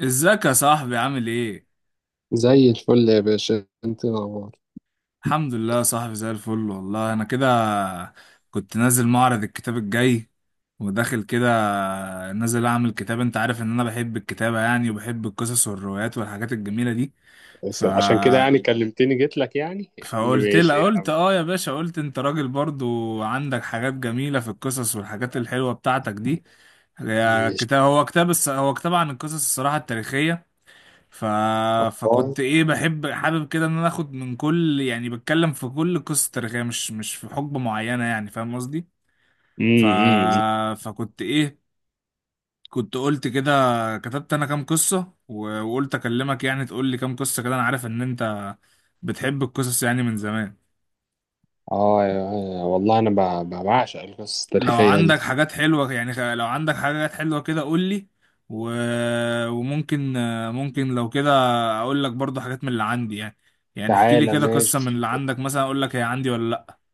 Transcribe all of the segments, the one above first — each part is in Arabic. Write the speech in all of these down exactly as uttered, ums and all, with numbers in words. ازيك يا صاحبي، عامل ايه؟ زي الفل يا باشا، انت نور. الحمد لله يا صاحبي، زي الفل والله. انا كده كنت نازل معرض الكتاب الجاي وداخل كده، نازل اعمل كتاب. انت عارف ان انا بحب الكتابة يعني، وبحب القصص والروايات والحاجات الجميلة دي. ف بس عشان كده يعني كلمتني جيت لك، يعني يا عم. فقلت ماشي لها، يا قلت عم اه يا باشا، قلت انت راجل برضو عندك حاجات جميلة في القصص والحاجات الحلوة بتاعتك دي. يا ماشي كتاب، هو كتاب الص- هو كتاب عن القصص الصراحة التاريخية. ف... الله. فكنت ايه، بحب حابب كده ان انا اخد من كل، يعني بتكلم في كل قصة تاريخية مش مش في حقبة معينة، يعني فاهم قصدي. ف... امم أمم. فكنت ايه، كنت قلت كده، كتبت انا كام قصة و... وقلت اكلمك يعني تقول لي كام قصة كده. انا عارف ان انت بتحب القصص يعني من زمان. اه يا- والله انا ب- ب- بعشق القصص لو التاريخيه عندك دي. حاجات حلوة يعني، خ- لو عندك حاجات حلوة كده قول لي. و... وممكن ممكن لو كده اقول لك برضو حاجات من اللي عندي يعني. يعني احكي لي تعالى كده قصة من اللي ماشي. عندك، مثلا اقول لك هي عندي ولا.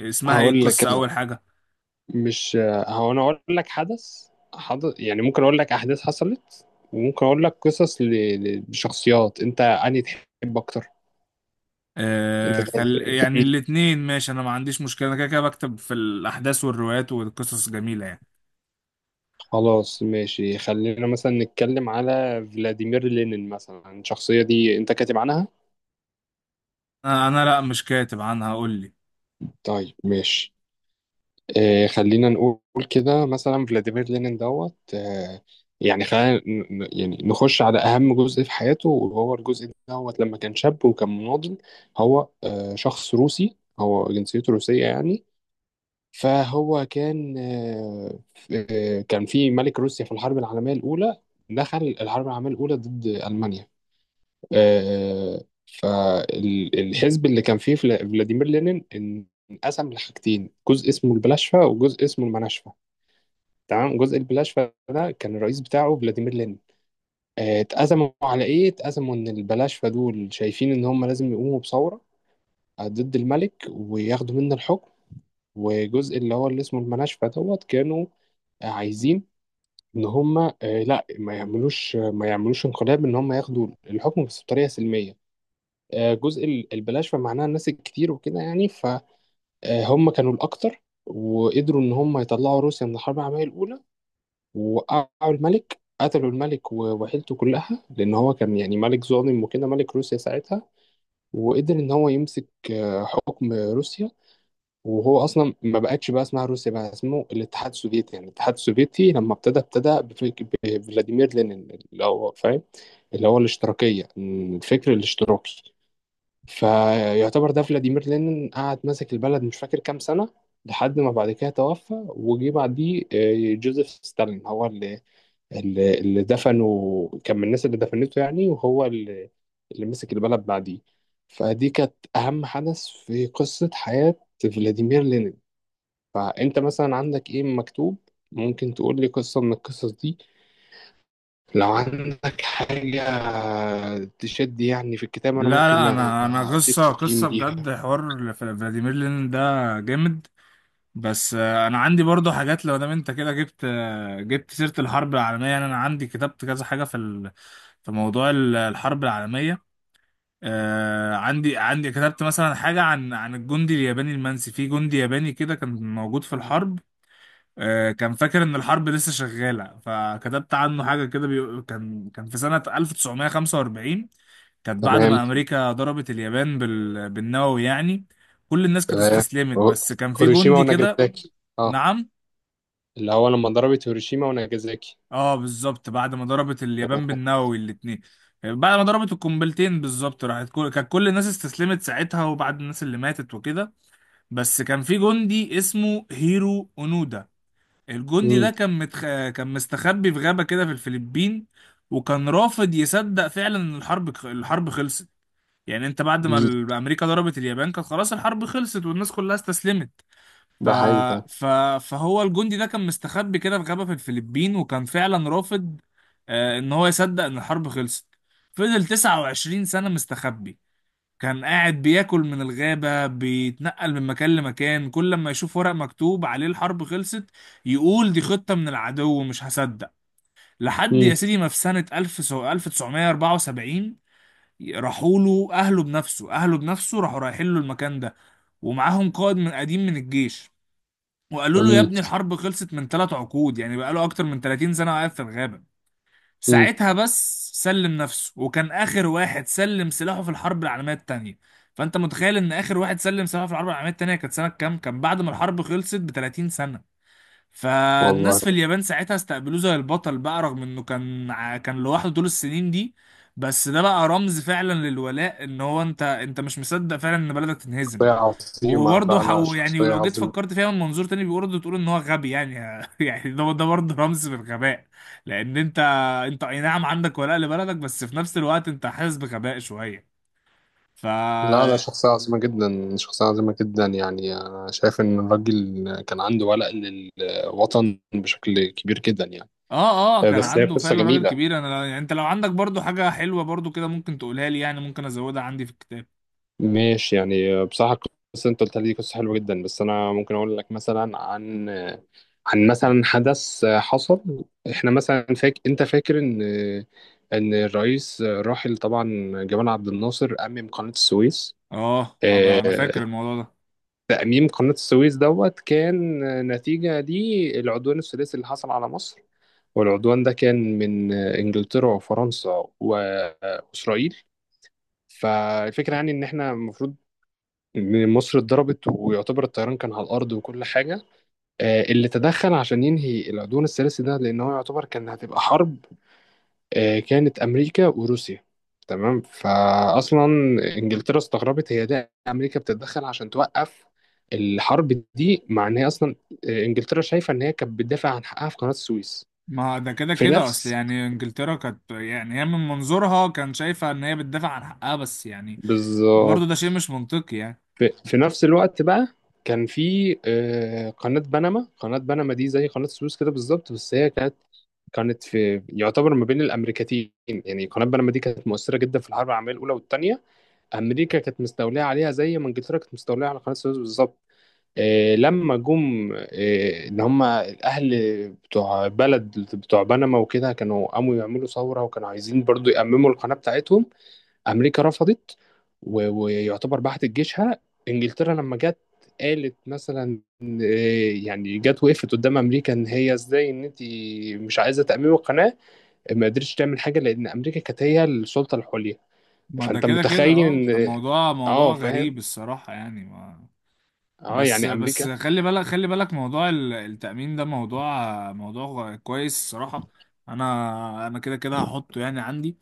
لا، اسمها ايه هقول لك القصة انا. اول حاجة؟ مش هو انا اقول لك حدث حدث، يعني ممكن اقول لك احداث حصلت، وممكن اقول لك قصص ل- ل- لشخصيات. انت انهي تحب اكتر؟ انت آه، تحب خل... ايه؟ يعني الاتنين ماشي، انا ما عنديش مشكلة، انا كده كده بكتب في الاحداث والروايات والقصص جميلة يعني. خلاص ماشي، خلينا مثلا نتكلم على فلاديمير لينين مثلا. الشخصية دي انت كاتب عنها؟ انا أنا لا، مش كاتب عنها، قول لي. طيب ماشي. آه، خلينا نقول كده مثلا فلاديمير لينين دوت. آه، يعني خلينا ن- ن- يعني نخش على أهم جزء في حياته، وهو الجزء دوت لما كان شاب وكان مناضل. هو آه شخص روسي، هو جنسيته روسية يعني. فهو كان آه آه، كان في ملك روسيا في الحرب العالمية الأولى. دخل الحرب العالمية الأولى ضد ألمانيا. آه، فالحزب اللي كان فيه فلا- فلاديمير لينين إن- انقسم لحاجتين، جزء اسمه البلاشفة وجزء اسمه المناشفة. تمام. جزء البلاشفة ده كان الرئيس بتاعه فلاديمير لينين. آه، اتأزموا على ايه؟ اتأزموا ان البلاشفة دول شايفين ان هم لازم يقوموا بثورة ضد الملك وياخدوا منه الحكم. وجزء اللي هو اللي اسمه المناشفة دوت كانوا عايزين ان هم، آه، لا، ما يعملوش ما يعملوش انقلاب، ان هم ياخدوا الحكم بس بطريقة سلمية. آه، جزء ال- البلاش فمعناها الناس الكتير وكده يعني. فهم كانوا الأكتر، وقدروا إن هم يطلعوا روسيا من الحرب العالمية الأولى، ووقعوا الملك، قتلوا الملك و- وعيلته كلها، لأن هو كان يعني ملك ظالم وكده، ملك روسيا ساعتها. وقدر إن هو يمسك آه، حكم روسيا. وهو أصلا ما بقتش بقى اسمها روسيا، بقى اسمه الاتحاد السوفيتي. يعني الاتحاد السوفيتي لما ابتدى، ابتدى بفك- بفلاديمير لينين، اللي هو فاهم، اللي هو الاشتراكية، الفكر الاشتراكي. فيعتبر ده فلاديمير لينين قعد ماسك البلد مش فاكر كام سنة، لحد ما بعد كده توفى وجي بعديه آه، جوزيف ستالين، هو اللي اللي اللي دفنه، كان من الناس اللي دفنته يعني، وهو اللي اللي مسك البلد بعديه. فدي كانت أهم حدث في قصة حياة فلاديمير لينين. فأنت مثلا عندك إيه مكتوب؟ ممكن تقول لي قصة من القصص دي لو عندك حاجة تشد يعني في الكتاب، أنا لا ممكن لا، انا انا أديك قصة تقييم قصة بجد، ليها. حوار فلاديمير لينين ده جامد. بس آه، انا عندي برضو حاجات، لو دام انت كده جبت آه، جبت سيرة الحرب العالمية يعني. انا عندي كتبت كذا حاجة في ال- في موضوع ال- الحرب العالمية. آه، عندي عندي كتبت مثلا حاجة عن عن الجندي الياباني المنسي، في جندي ياباني كده كان موجود في الحرب. آه، كان فاكر ان الحرب لسه شغالة، فكتبت عنه حاجة كده. بيقول- كان كان في سنة ألف تسعمية وخمسة وأربعين، كانت بعد تمام ما امريكا ضربت اليابان بال- بالنووي يعني. كل الناس كانت تمام. استسلمت، هو- بس كان في هيروشيما جندي كده. وناجازاكي. اه، نعم. اللي هو لما ضربت هيروشيما وناجازاكي. اه، بالظبط بعد ما ضربت اليابان تمام. بالنووي الاتنين، بعد ما ضربت القنبلتين بالظبط، راحت كل، كانت كل الناس استسلمت ساعتها، وبعد الناس اللي ماتت وكده. بس كان في جندي اسمه هيرو اونودا. الجندي ده امم كان متخ... كان مستخبي في غابة كده في الفلبين، وكان رافض يصدق فعلا ان الحرب الحرب خلصت. يعني انت بعد ما أمم. ال- امريكا ضربت اليابان كانت خلاص الحرب خلصت والناس كلها استسلمت. ف... ده حقيقي فعلا. ف... فهو الجندي ده كان مستخبي كده في غابة في الفلبين، وكان فعلا رافض آه، ان هو يصدق ان الحرب خلصت. فضل تسعة وعشرين سنة مستخبي، كان قاعد بياكل من الغابة بيتنقل من مكان لمكان. كل ما يشوف ورق مكتوب عليه الحرب خلصت يقول دي خطة من العدو، مش هصدق. لحد يا امم سيدي ما في سنة ألف ألف تسعمية وأربعة وسبعين راحوا له أهله بنفسه، أهله بنفسه راحوا رايحين له المكان ده. ومعاهم قائد من قديم من الجيش، وقالوا له يا امم ابني الحرب خلصت من ثلاث عقود، يعني بقاله اكتر من ثلاثين سنة قاعد في الغابة. أمم. ساعتها بس سلم نفسه، وكان اخر واحد سلم سلاحه في الحرب العالمية التانية. فانت متخيل ان اخر واحد سلم سلاحه في الحرب العالمية التانية كانت سنة كام؟ كان بعد ما الحرب خلصت ب تلاتين سنة. والله، فالناس في اليابان ساعتها استقبلوه زي البطل بقى، رغم انه كان ع- كان لوحده طول السنين دي. بس ده بقى رمز فعلا للولاء، ان هو انت انت مش مصدق فعلا ان بلدك تنهزم. شخصية عظيمة. وبرضه لا لا، حو يعني، شخصية ولو جيت عظيمة. فكرت فيها من منظور تاني برضه تقول ان هو غبي يعني. يعني ده ده برضه رمز بالغباء، لان انت انت اي نعم عندك ولاء لبلدك، بس في نفس الوقت انت حاسس بغباء شويه. ف لا لا، شخصية عظيمة جدا، شخصية عظيمة جدا، يعني أنا شايف إن الراجل كان عنده ولاء للوطن بشكل كبير جدا يعني. اه اه، آه، كان بس هي عنده قصة فعلا راجل جميلة، كبير. انا يعني انت لو عندك برضو حاجة حلوة برضو كده ممكن تقولها لي يعني، ممكن ازودها عندي في الكتاب. ماشي، يعني بصراحة القصة انت قلتها لي قصة حلوة جدا. بس انا ممكن اقول لك مثلا عن عن مثلا حدث حصل. احنا مثلا فاك... انت فاكر ان ان الرئيس الراحل طبعا جمال عبد الناصر أمم قناة السويس. اه، حب انا فاكر آه، الموضوع ده. تأميم قناة السويس دوت كان نتيجة للعدوان الثلاثي اللي حصل على مصر. والعدوان ده كان من إنجلترا وفرنسا وإسرائيل. فالفكرة يعني إن إحنا المفروض إن مصر اتضربت، ويعتبر الطيران كان على الأرض وكل حاجة. آه، اللي تدخل عشان ينهي العدوان الثلاثي ده، لأن هو يعتبر كان هتبقى حرب. آه، كانت أمريكا وروسيا. تمام. فأصلا إنجلترا استغربت، هي ده أمريكا بتتدخل عشان توقف الحرب دي، مع إن هي أصلا، آه، إنجلترا شايفة إن هي كانت بتدافع عن حقها في قناة السويس. ما ده كده في كده اصل نفس يعني، انجلترا كانت يعني هي من منظورها كان شايفة ان هي بتدافع عن حقها بس يعني، برضو بالظبط. ده شيء مش منطقي يعني. في, في نفس الوقت بقى كان في آه، قناة بنما. قناة بنما دي زي قناة السويس كده بالظبط، بس هي كانت كانت في يعتبر ما بين الامريكتين. يعني قناه بنما دي كانت مؤثره جدا في الحرب العالميه الاولى والثانيه. امريكا كانت مستوليه عليها زي ما انجلترا كانت مستوليه على قناه السويس بالظبط. آه لما جم آه ان هم الاهل بتوع بلد بتوع بنما وكده، كانوا قاموا يعملوا ثوره، وكانوا عايزين برضو يأمموا القناه بتاعتهم. امريكا رفضت و- ويعتبر بعتت جيشها. انجلترا لما جت قالت مثلا إيه، يعني جت وقفت قدام امريكا ان هي ازاي ان انت مش عايزه تاميم القناه؟ ما قدرتش تعمل حاجه، لان امريكا كانت هي السلطه العليا. ما ده فانت كده كده متخيل اه، ده ان، موضوع اه، آه، موضوع فاهم، غريب الصراحة يعني ما. اه، بس يعني بس امريكا. خلي بالك، خلي بالك، موضوع ال- التأمين ده موضوع موضوع كويس الصراحة. انا انا كده كده هحطه يعني عندي.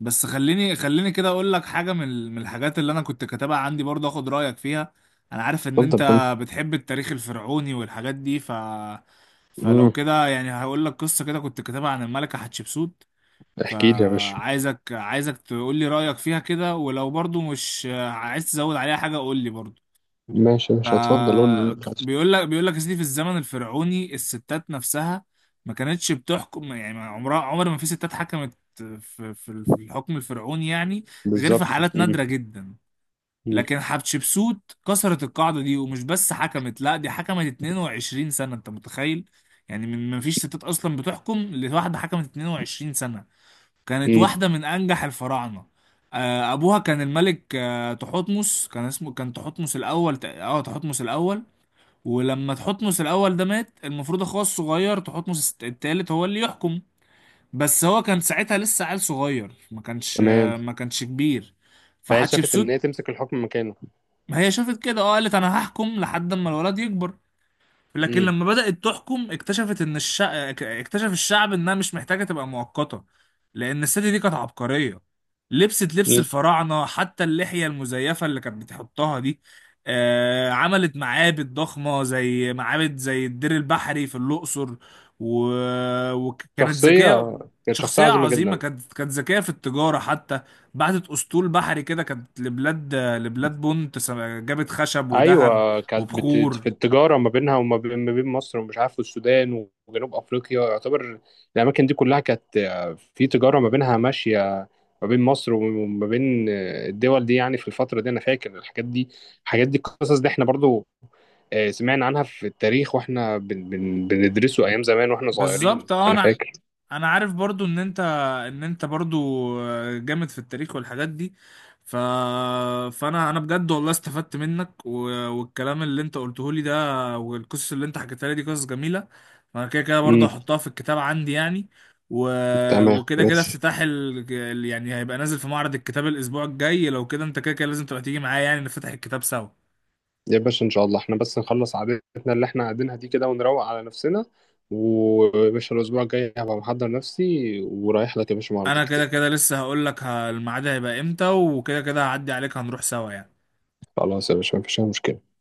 بس خليني خليني كده اقول لك حاجة من ال- من الحاجات اللي انا كنت كاتبها عندي برضه اخد رأيك فيها. انا عارف ان اتفضل انت يا فندم. بتحب التاريخ الفرعوني والحاجات دي. ف فلو امم، كده يعني هقول لك قصة كده كنت كاتبها عن الملكة حتشبسوت. احكي لي يا باشا. فعايزك، عايزك تقول لي رأيك فيها كده، ولو برضه مش عايز تزود عليها حاجة قول لي برضه. ماشي، ف مش هتفضل، قول لي اللي أنت عايزه. بيقول لك بيقول لك يا سيدي، في الزمن الفرعوني الستات نفسها ما كانتش بتحكم يعني، ما عمرها عمر ما في ستات حكمت في في في الحكم الفرعوني يعني، غير في بالظبط. حالات امم نادرة جدا. امم لكن حتشبسوت كسرت القاعدة دي، ومش بس حكمت، لا، دي حكمت اتنين وعشرين سنة، انت متخيل؟ يعني من ما فيش ستات اصلا بتحكم لواحدة حكمت اتنين وعشرين سنة. كانت أمم. واحدة من انجح الفراعنة. آه، ابوها كان الملك آه، تحتمس، كان اسمه كان تحتمس الاول تق- اه، تحتمس الاول. ولما تحتمس الاول ده مات، المفروض اخوه الصغير تحتمس التالت هو اللي يحكم، بس هو كان ساعتها لسه عيل صغير، ما كانش تمام. ما كانش كبير. فهي شافت ان فحتشبسوت هي تمسك الحكم مكانه. هي شافت كده، اه قالت انا هحكم لحد اما الولد يكبر. لكن امم. لما بدأت تحكم اكتشفت ان الشع... اكتشف الشعب انها مش محتاجة تبقى مؤقتة، لان الست دي كانت عبقرية. لبست لبس الفراعنة حتى اللحية المزيفة اللي كانت بتحطها دي. آه، عملت معابد ضخمة زي معابد زي الدير البحري في الأقصر. و... وكانت ذكية. شخصية كانت شخصية شخصية عظيمة عظيمة، جدا. كانت كانت ذكية في التجارة حتى. بعتت أسطول بحري كده، كانت لبلاد، لبلاد بونت، جابت خشب وذهب أيوة كانت بت... وبخور. في التجارة ما بينها وما بين... ما بين مصر ومش عارف والسودان وجنوب أفريقيا يعتبر. الأماكن دي كلها كانت في تجارة ما بينها ماشية، ما بين مصر وما بين الدول دي يعني. في الفترة دي أنا فاكر الحاجات دي، الحاجات دي القصص دي إحنا برضو، آه، سمعنا عنها في التاريخ، وإحنا بن... بن... بندرسه أيام زمان وإحنا صغيرين بالظبط أنا اه. فاكر. انا عارف برضو ان انت ان انت برضو جامد في التاريخ والحاجات دي. ف... فانا انا بجد والله استفدت منك. و... والكلام اللي انت قلته لي ده، والقصص اللي انت حكيتها لي دي، قصص جميله. فانا كده كده برضو امم، هحطها في الكتاب عندي يعني. و... تمام. وكده بس كده افتتاح ال... ال- يعني هيبقى نازل في معرض الكتاب الاسبوع الجاي. لو كده انت كده كده لازم تبقى تيجي معايا يعني، نفتح الكتاب سوا. يا باشا ان شاء الله احنا بس نخلص عادتنا اللي احنا قاعدينها دي كده ونروق على نفسنا. ويا باشا الاسبوع الجاي هبقى محضر نفسي ورايح لك يا باشا معرض انا كده الكتاب. كده لسه هقول لك الميعاد هيبقى امتى، وكده كده هعدي عليك، هنروح سوا يعني. خلاص يا باشا، مفيش اي مشكله.